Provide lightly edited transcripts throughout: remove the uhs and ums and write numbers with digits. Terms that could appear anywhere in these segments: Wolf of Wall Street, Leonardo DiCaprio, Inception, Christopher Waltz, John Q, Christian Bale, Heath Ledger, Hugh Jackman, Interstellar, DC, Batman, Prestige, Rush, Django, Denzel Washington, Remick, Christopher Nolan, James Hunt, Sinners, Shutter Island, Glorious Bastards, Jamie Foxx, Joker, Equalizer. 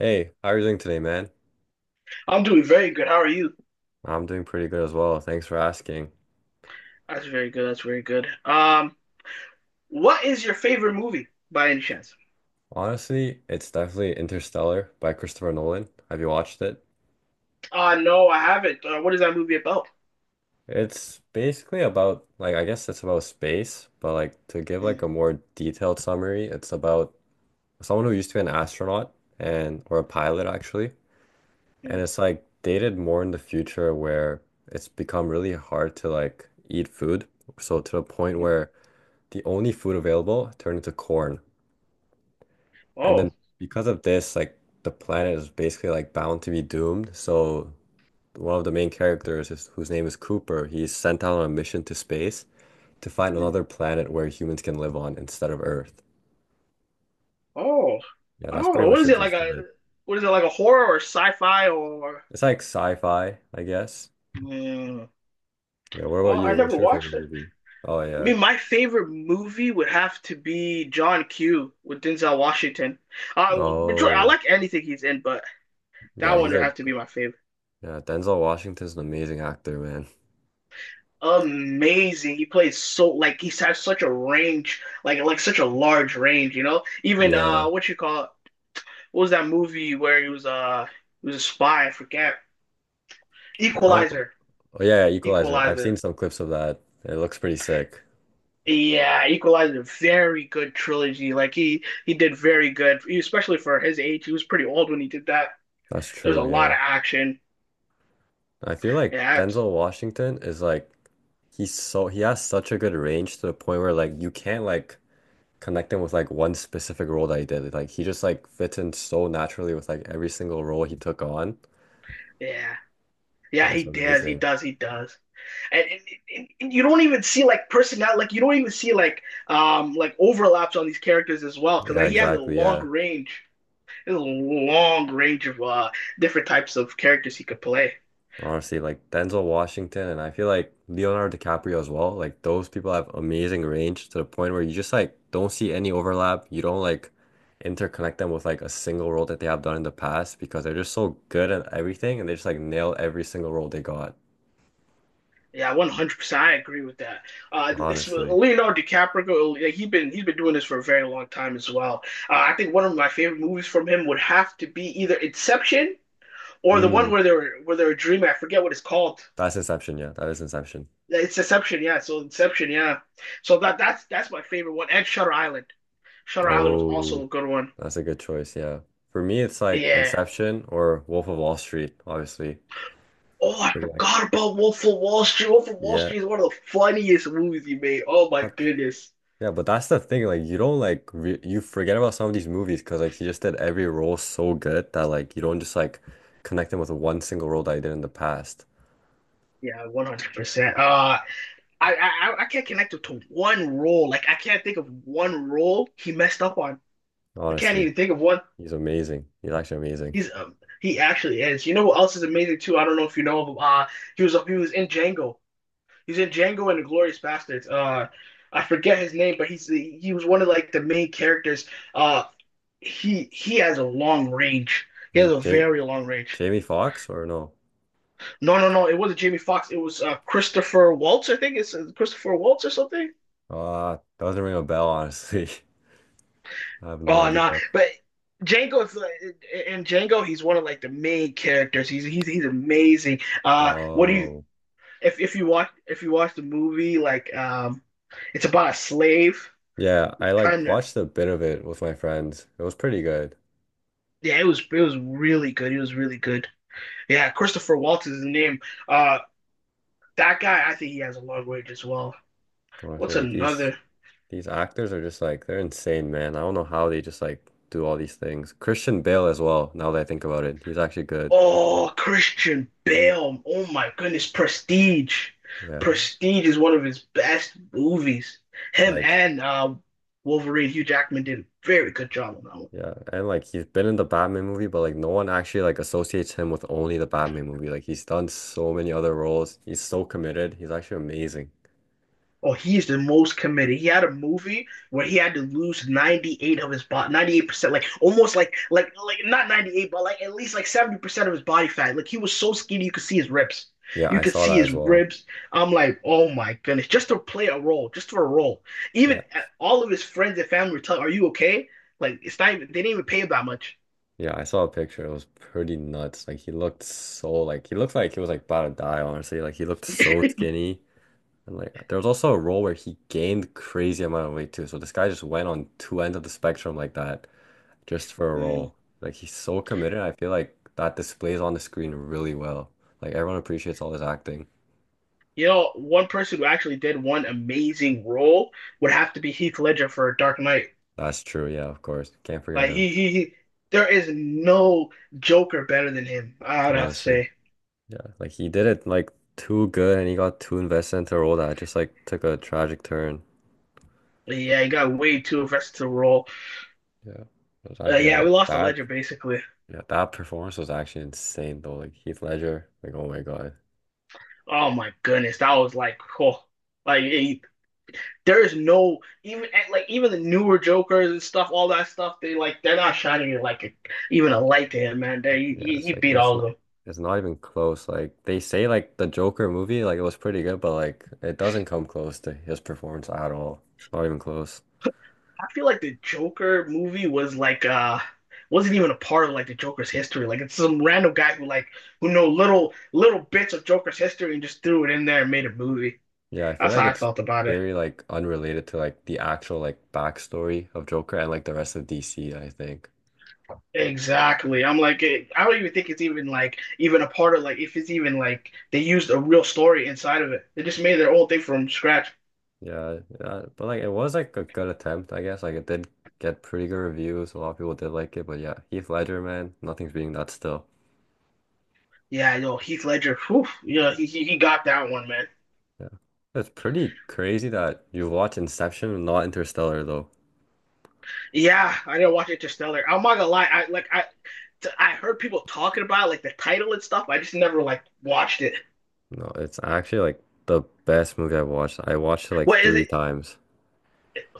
Hey, how are you doing today, man? I'm doing very good. How are you? I'm doing pretty good as well. Thanks for asking. That's very good. That's very good. What is your favorite movie by any chance? Honestly, it's definitely Interstellar by Christopher Nolan. Have you watched it? No, I haven't. What is that movie about? It's basically about, like, I guess it's about space, but like to give like Mm, a more detailed summary, it's about someone who used to be an astronaut and or a pilot actually. And mm, it's like dated more in the future where it's become really hard to like eat food. So to the point mm. where the only food available turned into corn. And Oh, then because of this, like the planet is basically like bound to be doomed. So one of the main characters is, whose name is Cooper, he's sent out on a mission to space to find mm. another planet where humans can live on instead of Earth. Oh, Yeah, I that's don't pretty know. What much is the it like gist a of it. what is it like a horror or sci-fi or? It's like sci-fi, I guess. Mm. Yeah, what about Oh, I you? never What's your favorite watched it. movie? Oh I yeah. mean, my favorite movie would have to be John Q with Denzel Washington. Majority, I Oh, like anything he's in, but that yeah, one he's would a have to be my favorite. yeah, Denzel Washington's an amazing actor, man. Amazing. He plays so like he has such a range, like such a large range, you know? Even Yeah. what you call it? What was that movie where he was a spy, I forget. I don't, Equalizer. Oh yeah, yeah, Equalizer. I've seen Equalizer. some clips of that. It looks pretty sick. Yeah, Equalizer, very good trilogy. Like he did very good, especially for his age. He was pretty old when he did that. That's There's a true, lot yeah. of action. I feel like Yeah, Denzel Washington is like he has such a good range to the point where like you can't like connect him with like one specific role that he did. Like he just like fits in so naturally with like every single role he took on. yeah. Like Yeah, he it's does. He amazing. does. He does. and, and you don't even see like personality, like you don't even see like overlaps on these characters as well, because Yeah, like he has a exactly. long Yeah. range. There's a long range of different types of characters he could play. Honestly, like Denzel Washington and I feel like Leonardo DiCaprio as well. Like those people have amazing range to the point where you just like don't see any overlap. You don't like interconnect them with like a single role that they have done in the past because they're just so good at everything and they just like nail every single role they got. Yeah, 100%, I agree with that. It's Honestly. Leonardo DiCaprio, like he's been doing this for a very long time as well. I think one of my favorite movies from him would have to be either Inception or the one Mm, where they were dreaming. I forget what it's called. that's Inception, yeah. That is Inception. Yeah, it's Inception, yeah. So Inception, yeah. So that's my favorite one. And Shutter Island. Shutter Island was Oh, also a good one. that's a good choice, yeah. For me, it's like Yeah. Inception or Wolf of Wall Street, obviously. Oh, I Pretty like forgot about Wolf of Wall Street. Wolf of Wall Yeah. Street is one of the funniest movies he made. Oh my Not goodness. Yeah, but that's the thing. Like, you don't like re you forget about some of these movies because like he just did every role so good that like you don't just like connect him with one single role that he did in the past. Yeah, 100%. I can't connect it to one role. Like I can't think of one role he messed up on. I can't Honestly, even think of one. he's amazing. He's actually amazing. He's um, he actually is. You know what else is amazing too? I don't know if you know of him. He was in Django. He's in Django and the Glorious Bastards. I forget his name, but he was one of like the main characters. Uh, he has a long range. He Is has it a Jamie very long range. Jamie Foxx or no? No, no, no. It wasn't Jamie Foxx. It was Christopher Waltz. I think it's Christopher Waltz or something. Doesn't ring a bell, honestly. I have no Oh no, nah, idea. but Django is like- in Django, he's one of like the main characters. He's amazing. What do you Oh, If you watch the movie, like it's about a slave yeah. I who's like trying to. watched a bit of it with my friends. It was pretty good. Yeah, it was really good. It was really good. Yeah, Christopher Waltz is his name. Uh, that guy, I think he has a long range as well. Honestly, What's like these. another? These actors are just like they're insane, man. I don't know how they just like do all these things. Christian Bale as well, now that I think about it. He's actually good. Oh, Christian Bale. Oh my goodness, Prestige. Yeah. Prestige is one of his best movies. Him Like and Wolverine, Hugh Jackman did a very good job on that one. yeah, and like he's been in the Batman movie, but like no one actually like associates him with only the Batman movie. Like he's done so many other roles. He's so committed. He's actually amazing. Oh, he's the most committed. He had a movie where he had to lose 98 of his body, 98%, like almost like not 98, but like at least like 70% of his body fat. Like he was so skinny you could see his ribs. Yeah, You I could saw see that his as well. ribs. I'm like, oh my goodness, just to play a role, just for a role. Even Yeah. All of his friends and family were telling, "Are you okay?" Like it's not even they didn't even pay him that much. Yeah, I saw a picture. It was pretty nuts. Like he looked so like he looked like he was like about to die, honestly. Like he looked so skinny. And like there was also a role where he gained crazy amount of weight too. So this guy just went on two ends of the spectrum like that just for a Mm. role. Like he's so committed. I feel like that displays on the screen really well. Like everyone appreciates all his acting. You know, one person who actually did one amazing role would have to be Heath Ledger for Dark Knight. That's true. Yeah, of course. Can't forget Like him. he there is no Joker better than him, I would have to say. Honestly. Like, Yeah. Like he did it like too good and he got too invested into a role that just like took a tragic turn. yeah, he got way too versatile role. Yeah. It was Uh, actually yeah, yeah, we like lost the that. Ledger basically. Yeah, that performance was actually insane though. Like Heath Ledger. Like oh my God. Oh my goodness, that was like, oh, like he, there is no even like even the newer Jokers and stuff, all that stuff. They're not shining like a, even a light to him, man. They, Yeah, he, it's he like beat it's all of not them. it's not even close. Like they say like the Joker movie, like it was pretty good, but like it doesn't come close to his performance at all. It's not even close. I feel like the Joker movie wasn't even a part of like the Joker's history. Like it's some random guy who know little bits of Joker's history, and just threw it in there and made a movie. Yeah, I feel That's like how I it's felt about it. very like unrelated to like the actual like backstory of Joker and like the rest of DC, I think. Exactly. I don't even think it's even like even a part of like if it's even like they used a real story inside of it. They just made their own thing from scratch. Yeah, yeah, but like it was like a good attempt, I guess. Like it did get pretty good reviews. A lot of people did like it, but yeah, Heath Ledger, man, nothing's beating that still. Yeah, yo, Heath Ledger. Whew, yeah, he got that one, man. Yeah. It's pretty crazy that you watch Inception and not Interstellar though. Yeah, I didn't watch Interstellar. I'm not gonna lie. I like I t- I heard people talking about it, like the title and stuff. I just never like watched it. No, it's actually like the best movie I've watched. I watched it like What is three it? times.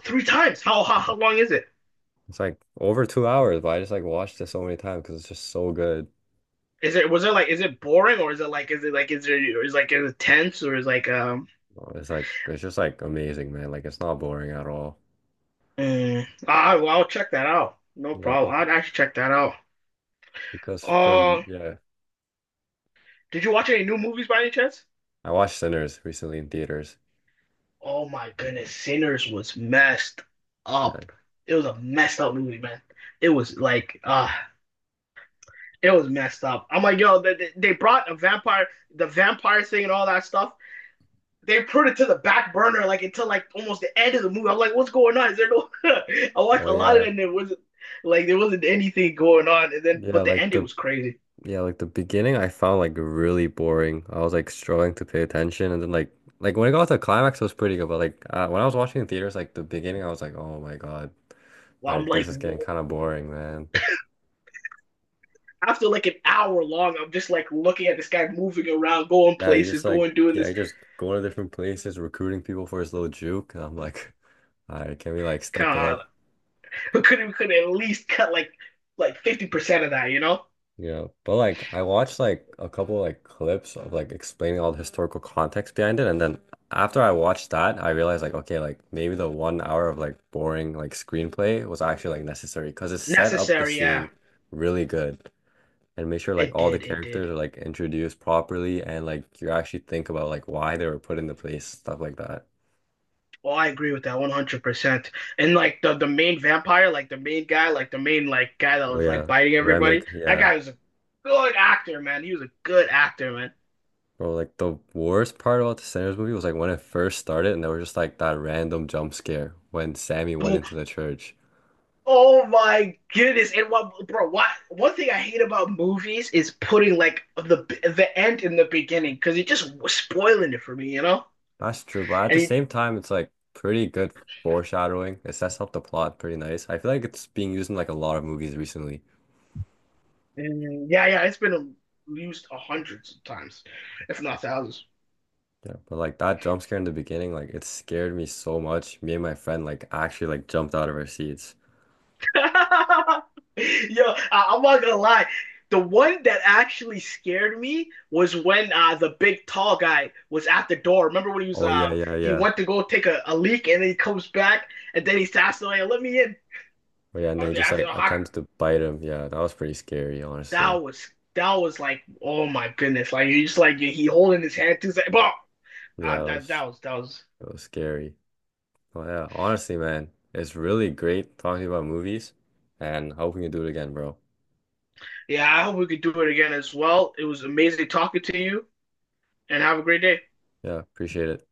Three times? Yeah. How long is it? It's like over 2 hours, but I just like watched it so many times because it's just so good. Is it was it like Is it boring, or is it tense. Or is like um It's like it's just like amazing, man. Like it's not boring at all. mm, I well, I'll check that out. No Yeah, problem. I'd actually check that out. because Um, yeah, did you watch any new movies by any chance? I watched Sinners recently in theaters. Oh my goodness, Sinners was messed Yeah. up. It was a messed up movie, man. It was like uh It was messed up. I'm like, yo, they brought a vampire, the vampire thing and all that stuff. They put it to the back burner, like until like almost the end of the movie. I'm like, what's going on? Is there no? I watched Oh a lot of it, yeah. and there wasn't anything going on. And then, Yeah, but the like ending the was crazy. Yeah, like the beginning I found like really boring. I was like struggling to pay attention and then like when it got to the climax it was pretty good, but like when I was watching in theaters like the beginning I was like, "Oh my God. Well, I'm Like this like, is getting kind of whoa. boring, man." After like an hour long, I'm just like looking at this guy moving around, going Yeah, you places, just like going doing yeah, this. you just going to different places recruiting people for his little juke and I'm like, "All right, can we like step it God, up?" we couldn't we could at least cut like 50% of that, you know? Yeah, but like I watched like a couple like clips of like explaining all the historical context behind it, and then after I watched that, I realized like okay, like maybe the 1 hour of like boring like screenplay was actually like necessary because it set up the Necessary, yeah. scene really good and make sure like It all the did, it did. characters are like introduced properly and like you actually think about like why they were put into place, stuff like that. Well, I agree with that 100%. And like the main vampire, like the main guy, like the main like guy that Oh was like yeah, biting everybody. Remick, That yeah. guy was a good actor, man. He was a good actor, man. Bro, like the worst part about the Sinners movie was like when it first started and there was just like that random jump scare when Sammy went Oh, into the church. oh my goodness. And what, bro, what one thing I hate about movies is putting like the end in the beginning, because it just was spoiling it for me, you know? That's true, but at And, the it- same time it's like pretty good foreshadowing. It sets up the plot pretty nice. I feel like it's being used in like a lot of movies recently. and yeah, yeah, it's been used a hundreds of times, if not thousands. Yeah. But like that jump scare in the beginning, like it scared me so much. Me and my friend like actually like jumped out of our seats. Yo, I'm not gonna lie. The one that actually scared me was when the big tall guy was at the door. Remember when Oh yeah, yeah, he yeah. went to go take a leak, and then he comes back and then he's asking like, "Let me in." Oh yeah, and Oh, then he they just asked like him, "How-" attempts to bite him. Yeah, that was pretty scary, honestly. That was that was like, oh my goodness! Like you just like he holding his hand too. It's like, "Bah!" Yeah, it that was that was it was scary. Oh yeah, honestly, man, it's really great talking about movies and hoping you do it again, bro. yeah. I hope we could do it again as well. It was amazing talking to you, and have a great day. Yeah, appreciate it.